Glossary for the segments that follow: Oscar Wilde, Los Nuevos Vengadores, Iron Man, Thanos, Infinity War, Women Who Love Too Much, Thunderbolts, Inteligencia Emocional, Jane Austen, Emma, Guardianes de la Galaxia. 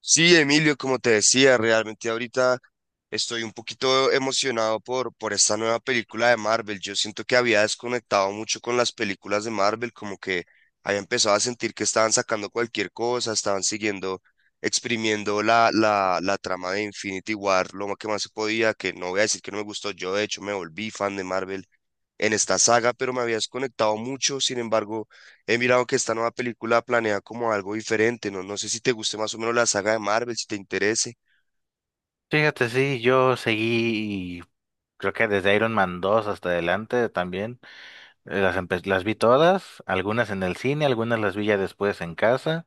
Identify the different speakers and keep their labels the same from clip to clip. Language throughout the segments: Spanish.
Speaker 1: Sí, Emilio, como te decía, realmente ahorita estoy un poquito emocionado por esta nueva película de Marvel. Yo siento que había desconectado mucho con las películas de Marvel, como que había empezado a sentir que estaban sacando cualquier cosa, estaban siguiendo, exprimiendo la trama de Infinity War, lo más que más se podía, que no voy a decir que no me gustó. Yo, de hecho, me volví fan de Marvel en esta saga, pero me había desconectado mucho. Sin embargo, he mirado que esta nueva película planea como algo diferente, ¿no? No sé si te guste más o menos la saga de Marvel, si te interese.
Speaker 2: Fíjate, sí, yo seguí, creo que desde Iron Man 2 hasta adelante también, las vi todas, algunas en el cine, algunas las vi ya después en casa,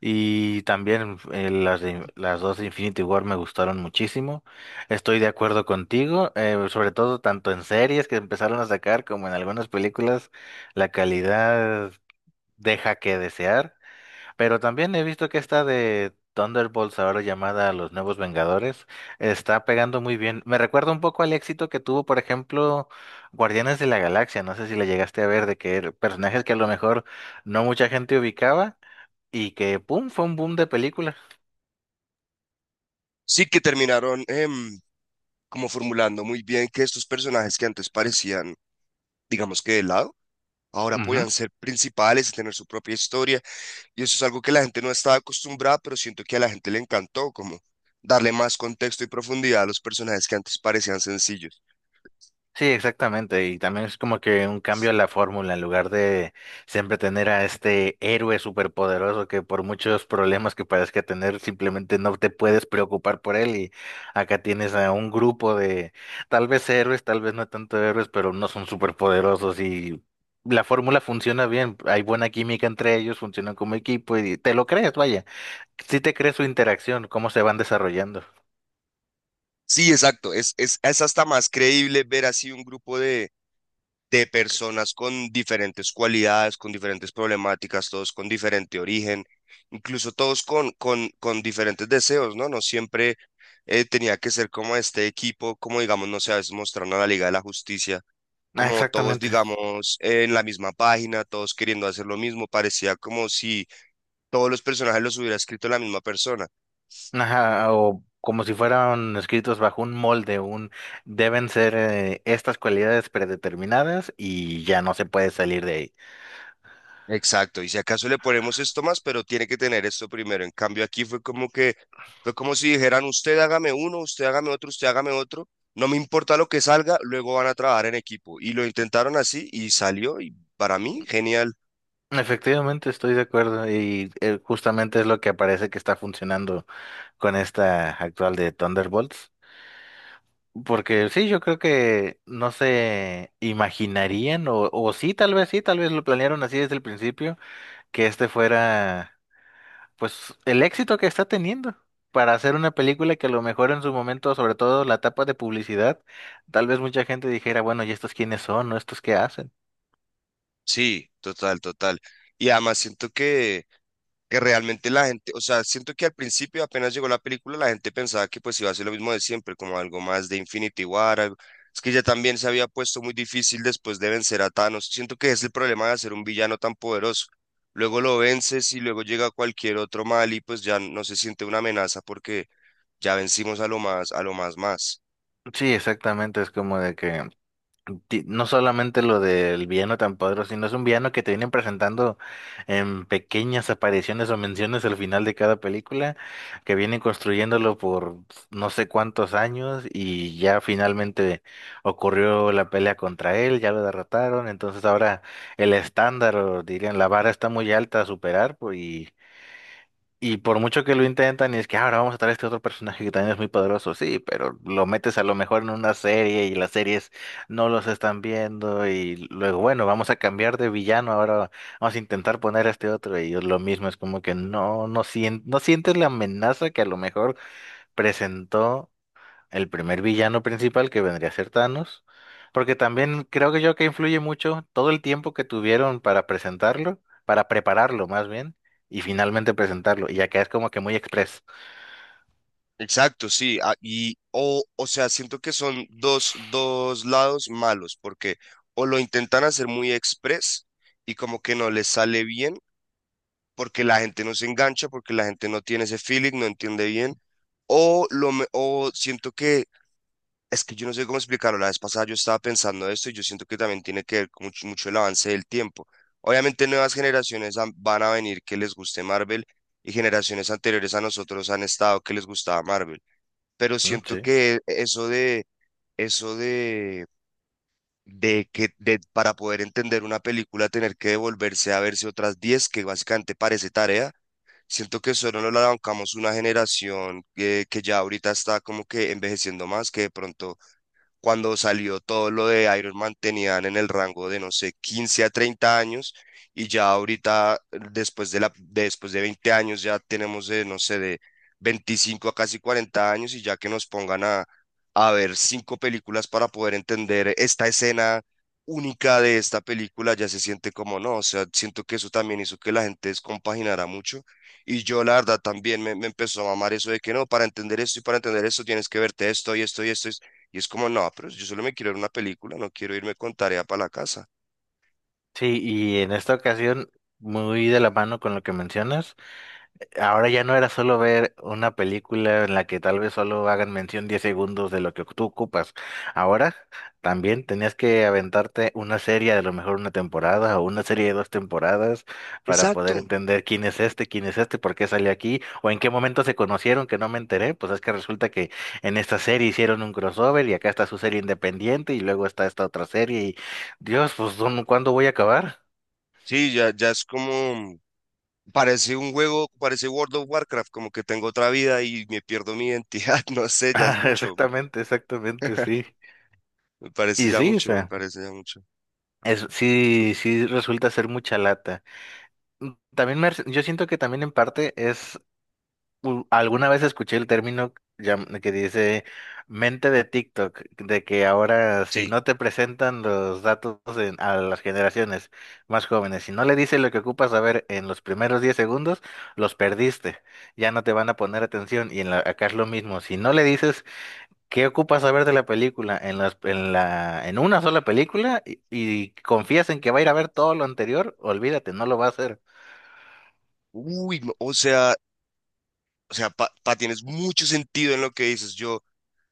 Speaker 2: y también las dos de Infinity War me gustaron muchísimo. Estoy de acuerdo contigo, sobre todo tanto en series que empezaron a sacar como en algunas películas, la calidad deja que desear. Pero también he visto que esta de Thunderbolts, ahora llamada Los Nuevos Vengadores, está pegando muy bien. Me recuerda un poco al éxito que tuvo, por ejemplo, Guardianes de la Galaxia. No sé si la llegaste a ver, de que personajes que a lo mejor no mucha gente ubicaba y que, ¡pum!, fue un boom de película.
Speaker 1: Sí, que terminaron como formulando muy bien que estos personajes que antes parecían, digamos, que de lado, ahora
Speaker 2: Ujú.
Speaker 1: podían ser principales y tener su propia historia. Y eso es algo que la gente no estaba acostumbrada, pero siento que a la gente le encantó, como darle más contexto y profundidad a los personajes que antes parecían sencillos.
Speaker 2: Sí, exactamente. Y también es como que un cambio a la fórmula, en lugar de siempre tener a este héroe superpoderoso que por muchos problemas que parezca tener, simplemente no te puedes preocupar por él. Y acá tienes a un grupo de tal vez héroes, tal vez no tanto héroes, pero no son superpoderosos y la fórmula funciona bien. Hay buena química entre ellos, funcionan como equipo y te lo crees, vaya. Sí te crees su interacción, cómo se van desarrollando.
Speaker 1: Sí, exacto. Es hasta más creíble ver así un grupo de personas con diferentes cualidades, con diferentes problemáticas, todos con diferente origen, incluso todos con diferentes deseos, ¿no? No siempre tenía que ser como este equipo, como digamos, no sé, a veces mostraron a la Liga de la Justicia,
Speaker 2: Ah,
Speaker 1: como todos,
Speaker 2: exactamente.
Speaker 1: digamos, en la misma página, todos queriendo hacer lo mismo, parecía como si todos los personajes los hubiera escrito la misma persona.
Speaker 2: Ajá, o como si fueran escritos bajo un molde, un deben ser estas cualidades predeterminadas y ya no se puede salir de ahí.
Speaker 1: Exacto, y si acaso le ponemos esto más, pero tiene que tener esto primero. En cambio, aquí fue como que, fue como si dijeran, usted hágame uno, usted hágame otro, no me importa lo que salga, luego van a trabajar en equipo. Y lo intentaron así y salió, y para mí, genial.
Speaker 2: Efectivamente, estoy de acuerdo y justamente es lo que parece que está funcionando con esta actual de Thunderbolts. Porque sí, yo creo que no se imaginarían, o sí, tal vez lo planearon así desde el principio, que este fuera. Pues el éxito que está teniendo para hacer una película que a lo mejor en su momento, sobre todo la etapa de publicidad, tal vez mucha gente dijera, bueno, ¿y estos quiénes son? ¿No estos qué hacen?
Speaker 1: Sí, total, total. Y además siento que realmente la gente, o sea, siento que al principio apenas llegó la película, la gente pensaba que pues iba a ser lo mismo de siempre, como algo más de Infinity War, es que ya también se había puesto muy difícil después de vencer a Thanos, siento que es el problema de hacer un villano tan poderoso, luego lo vences y luego llega cualquier otro mal y pues ya no se siente una amenaza porque ya vencimos a lo más más.
Speaker 2: Sí, exactamente, es como de que no solamente lo del villano tan poderoso, sino es un villano que te vienen presentando en pequeñas apariciones o menciones al final de cada película, que vienen construyéndolo por no sé cuántos años y ya finalmente ocurrió la pelea contra él, ya lo derrotaron, entonces ahora el estándar, o dirían, la vara está muy alta a superar, pues, y por mucho que lo intentan, y es que "Ah, ahora vamos a traer este otro personaje que también es muy poderoso, sí, pero lo metes a lo mejor en una serie y las series no los están viendo y luego, bueno, vamos a cambiar de villano, ahora vamos a intentar poner a este otro y lo mismo, es como que no, no, no sientes la amenaza que a lo mejor presentó el primer villano principal que vendría a ser Thanos, porque también creo que yo que influye mucho todo el tiempo que tuvieron para presentarlo, para prepararlo más bien, y finalmente presentarlo, y acá es como que muy express.
Speaker 1: Exacto, sí, ah, o sea, siento que son dos lados malos, porque o lo intentan hacer muy express y como que no les sale bien, porque la gente no se engancha, porque la gente no tiene ese feeling, no entiende bien, o siento que es que yo no sé cómo explicarlo, la vez pasada yo estaba pensando esto y yo siento que también tiene que ver con mucho, mucho el avance del tiempo. Obviamente nuevas van a venir que les guste Marvel y generaciones anteriores a nosotros han estado que les gustaba Marvel, pero
Speaker 2: Mm.
Speaker 1: siento
Speaker 2: Sí.
Speaker 1: que eso de para poder entender una película tener que devolverse a verse otras 10 que básicamente parece tarea, siento que solo nos la bancamos una generación que ya ahorita está como que envejeciendo más, que de pronto cuando salió todo lo de Iron Man tenían en el rango de, no sé, 15 a 30 años y ya ahorita, después de después de 20 años, ya tenemos, de, no sé, de 25 a casi 40 años, y ya que nos pongan a ver 5 películas para poder entender esta escena única de esta película, ya se siente como no, o sea, siento que eso también hizo que la gente descompaginara mucho y yo la verdad también me empezó a mamar eso de que no, para entender esto y para entender esto tienes que verte esto y esto y esto y es como, no, pero yo solo me quiero ver una película, no quiero irme con tarea para la casa.
Speaker 2: Sí, y en esta ocasión, muy de la mano con lo que mencionas. Ahora ya no era solo ver una película en la que tal vez solo hagan mención 10 segundos de lo que tú ocupas. Ahora también tenías que aventarte una serie, a lo mejor una temporada o una serie de dos temporadas para poder
Speaker 1: Exacto.
Speaker 2: entender quién es este, por qué salió aquí o en qué momento se conocieron que no me enteré. Pues es que resulta que en esta serie hicieron un crossover y acá está su serie independiente y luego está esta otra serie y Dios, pues ¿cuándo voy a acabar?
Speaker 1: Sí, ya, ya es como, parece un juego, parece World of Warcraft, como que tengo otra vida y me pierdo mi identidad, no sé, ya es
Speaker 2: Ah,
Speaker 1: mucho,
Speaker 2: exactamente, exactamente, sí.
Speaker 1: me parece
Speaker 2: Y
Speaker 1: ya
Speaker 2: sí, o
Speaker 1: mucho, me
Speaker 2: sea.
Speaker 1: parece ya mucho.
Speaker 2: Sí, sí resulta ser mucha lata. Mm. También yo siento que también en parte es, alguna vez escuché el término que dice mente de TikTok, de que ahora si
Speaker 1: Sí.
Speaker 2: no te presentan los datos a las generaciones más jóvenes, si no le dices lo que ocupas saber en los primeros 10 segundos, los perdiste, ya no te van a poner atención. Y acá es lo mismo, si no le dices ¿qué ocupas saber de la película? En las, en la, en una sola película y confías en que va a ir a ver todo lo anterior, olvídate, no lo va a hacer.
Speaker 1: Uy, no, o sea, tienes mucho sentido en lo que dices. Yo,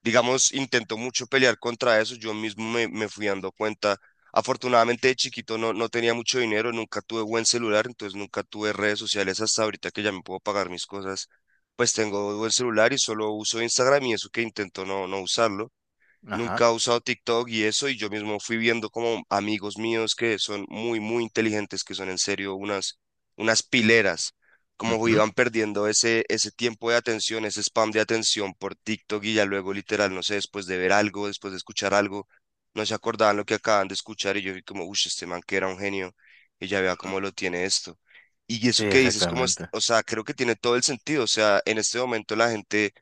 Speaker 1: digamos, intento mucho pelear contra eso, yo mismo me fui dando cuenta. Afortunadamente de chiquito no tenía mucho dinero, nunca tuve buen celular, entonces nunca tuve redes sociales hasta ahorita que ya me puedo pagar mis cosas, pues tengo buen celular y solo uso Instagram y eso que intento no usarlo. Nunca
Speaker 2: Ajá.
Speaker 1: he usado TikTok y eso, y yo mismo fui viendo como amigos míos que son muy inteligentes, que son en serio unas, unas pileras, como
Speaker 2: Ujú.
Speaker 1: iban perdiendo ese tiempo de atención, ese spam de atención por TikTok y ya luego literal, no sé, después de ver algo, después de escuchar algo, no se acordaban lo que acaban de escuchar y yo vi como, uff, este man que era un genio y ya vea cómo lo tiene esto. Y eso
Speaker 2: Sí,
Speaker 1: que dices, como,
Speaker 2: exactamente.
Speaker 1: o sea, creo que tiene todo el sentido, o sea, en este momento la gente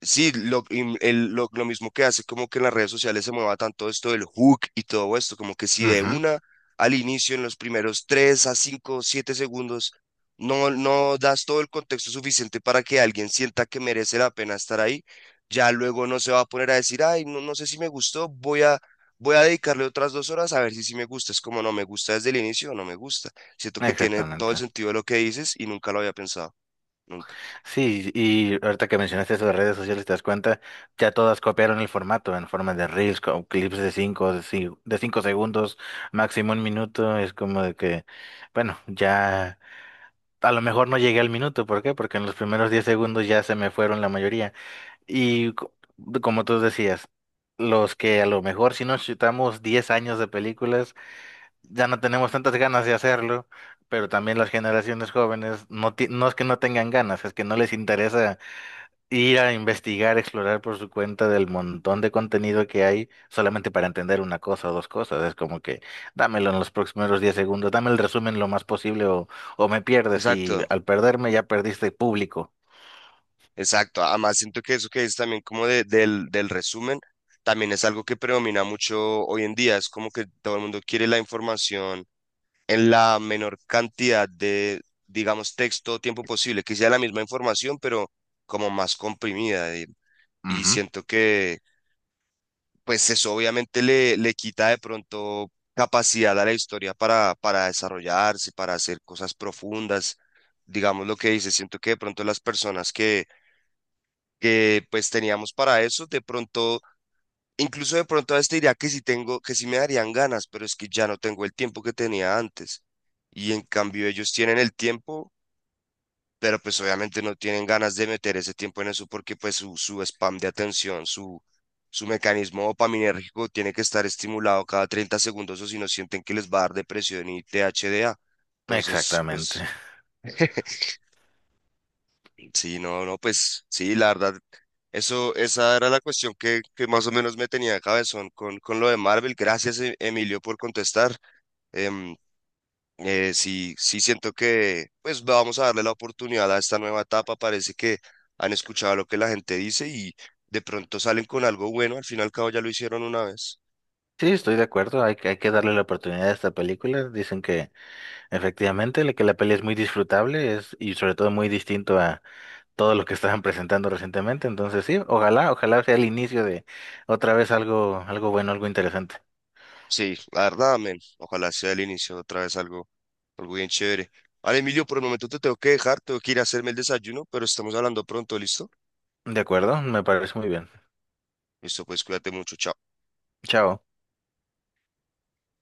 Speaker 1: sí, lo, y el- lo mismo que hace como que en las redes sociales se mueva tanto esto del hook y todo esto, como que si de
Speaker 2: Ujú.
Speaker 1: una al inicio, en los primeros 3 a 5 7 segundos, no das todo el contexto suficiente para que alguien sienta que merece la pena estar ahí, ya luego no se va a poner a decir, ay, no, no sé si me gustó, voy a dedicarle otras 2 horas a ver si sí me gusta, es como no me gusta desde el inicio o no me gusta. Siento que tiene todo el
Speaker 2: Exactamente.
Speaker 1: sentido de lo que dices y nunca lo había pensado, nunca.
Speaker 2: Sí, y ahorita que mencionaste eso de redes sociales, te das cuenta, ya todas copiaron el formato en forma de reels, con clips de 5 segundos, máximo un minuto. Es como de que, bueno, ya a lo mejor no llegué al minuto. ¿Por qué? Porque en los primeros 10 segundos ya se me fueron la mayoría. Y como tú decías, los que a lo mejor si nos chutamos 10 años de películas, ya no tenemos tantas ganas de hacerlo, pero también las generaciones jóvenes no, no es que no tengan ganas, es que no les interesa ir a investigar, explorar por su cuenta del montón de contenido que hay solamente para entender una cosa o dos cosas. Es como que dámelo en los próximos 10 segundos, dame el resumen lo más posible o me pierdes y
Speaker 1: Exacto.
Speaker 2: al perderme ya perdiste público.
Speaker 1: Exacto, además siento que eso que es también como del resumen, también es algo que predomina mucho hoy en día, es como que todo el mundo quiere la información en la menor cantidad de, digamos, texto o tiempo posible, que sea la misma información, pero como más comprimida, y
Speaker 2: Ujú.
Speaker 1: siento que, pues eso obviamente le quita de pronto capacidad a la historia para desarrollarse, para hacer cosas profundas, digamos lo que dices. Siento que de pronto las personas que pues teníamos para eso. De pronto, incluso de pronto a este diría que sí tengo, que sí me darían ganas, pero es que ya no tengo el tiempo que tenía antes. Y en cambio ellos tienen el tiempo, pero pues obviamente no tienen ganas de meter ese tiempo en eso porque pues su spam de atención, su mecanismo dopaminérgico tiene que estar estimulado cada 30 segundos o si no sienten que les va a dar depresión y THDA. Entonces,
Speaker 2: Exactamente.
Speaker 1: pues... Sí, no, no, pues sí, la verdad, eso, esa era la cuestión que más o menos me tenía de cabezón con lo de Marvel. Gracias, Emilio, por contestar. Em, sí, sí siento que, pues vamos a darle la oportunidad a esta nueva etapa. Parece que han escuchado lo que la gente dice y de pronto salen con algo bueno. Al fin y al cabo ya lo hicieron una vez.
Speaker 2: Sí, estoy de acuerdo, hay que darle la oportunidad a esta película. Dicen que efectivamente que la peli es muy disfrutable y sobre todo muy distinto a todo lo que estaban presentando recientemente. Entonces sí, ojalá, ojalá sea el inicio de otra vez algo, algo bueno, algo interesante.
Speaker 1: Sí, la verdad, amén. Ojalá sea el inicio otra vez algo, algo bien chévere. Vale, Emilio, por el momento te tengo que dejar, tengo que ir a hacerme el desayuno, pero estamos hablando pronto, ¿listo?
Speaker 2: De acuerdo, me parece muy bien.
Speaker 1: Listo, pues cuídate mucho, chao.
Speaker 2: Chao.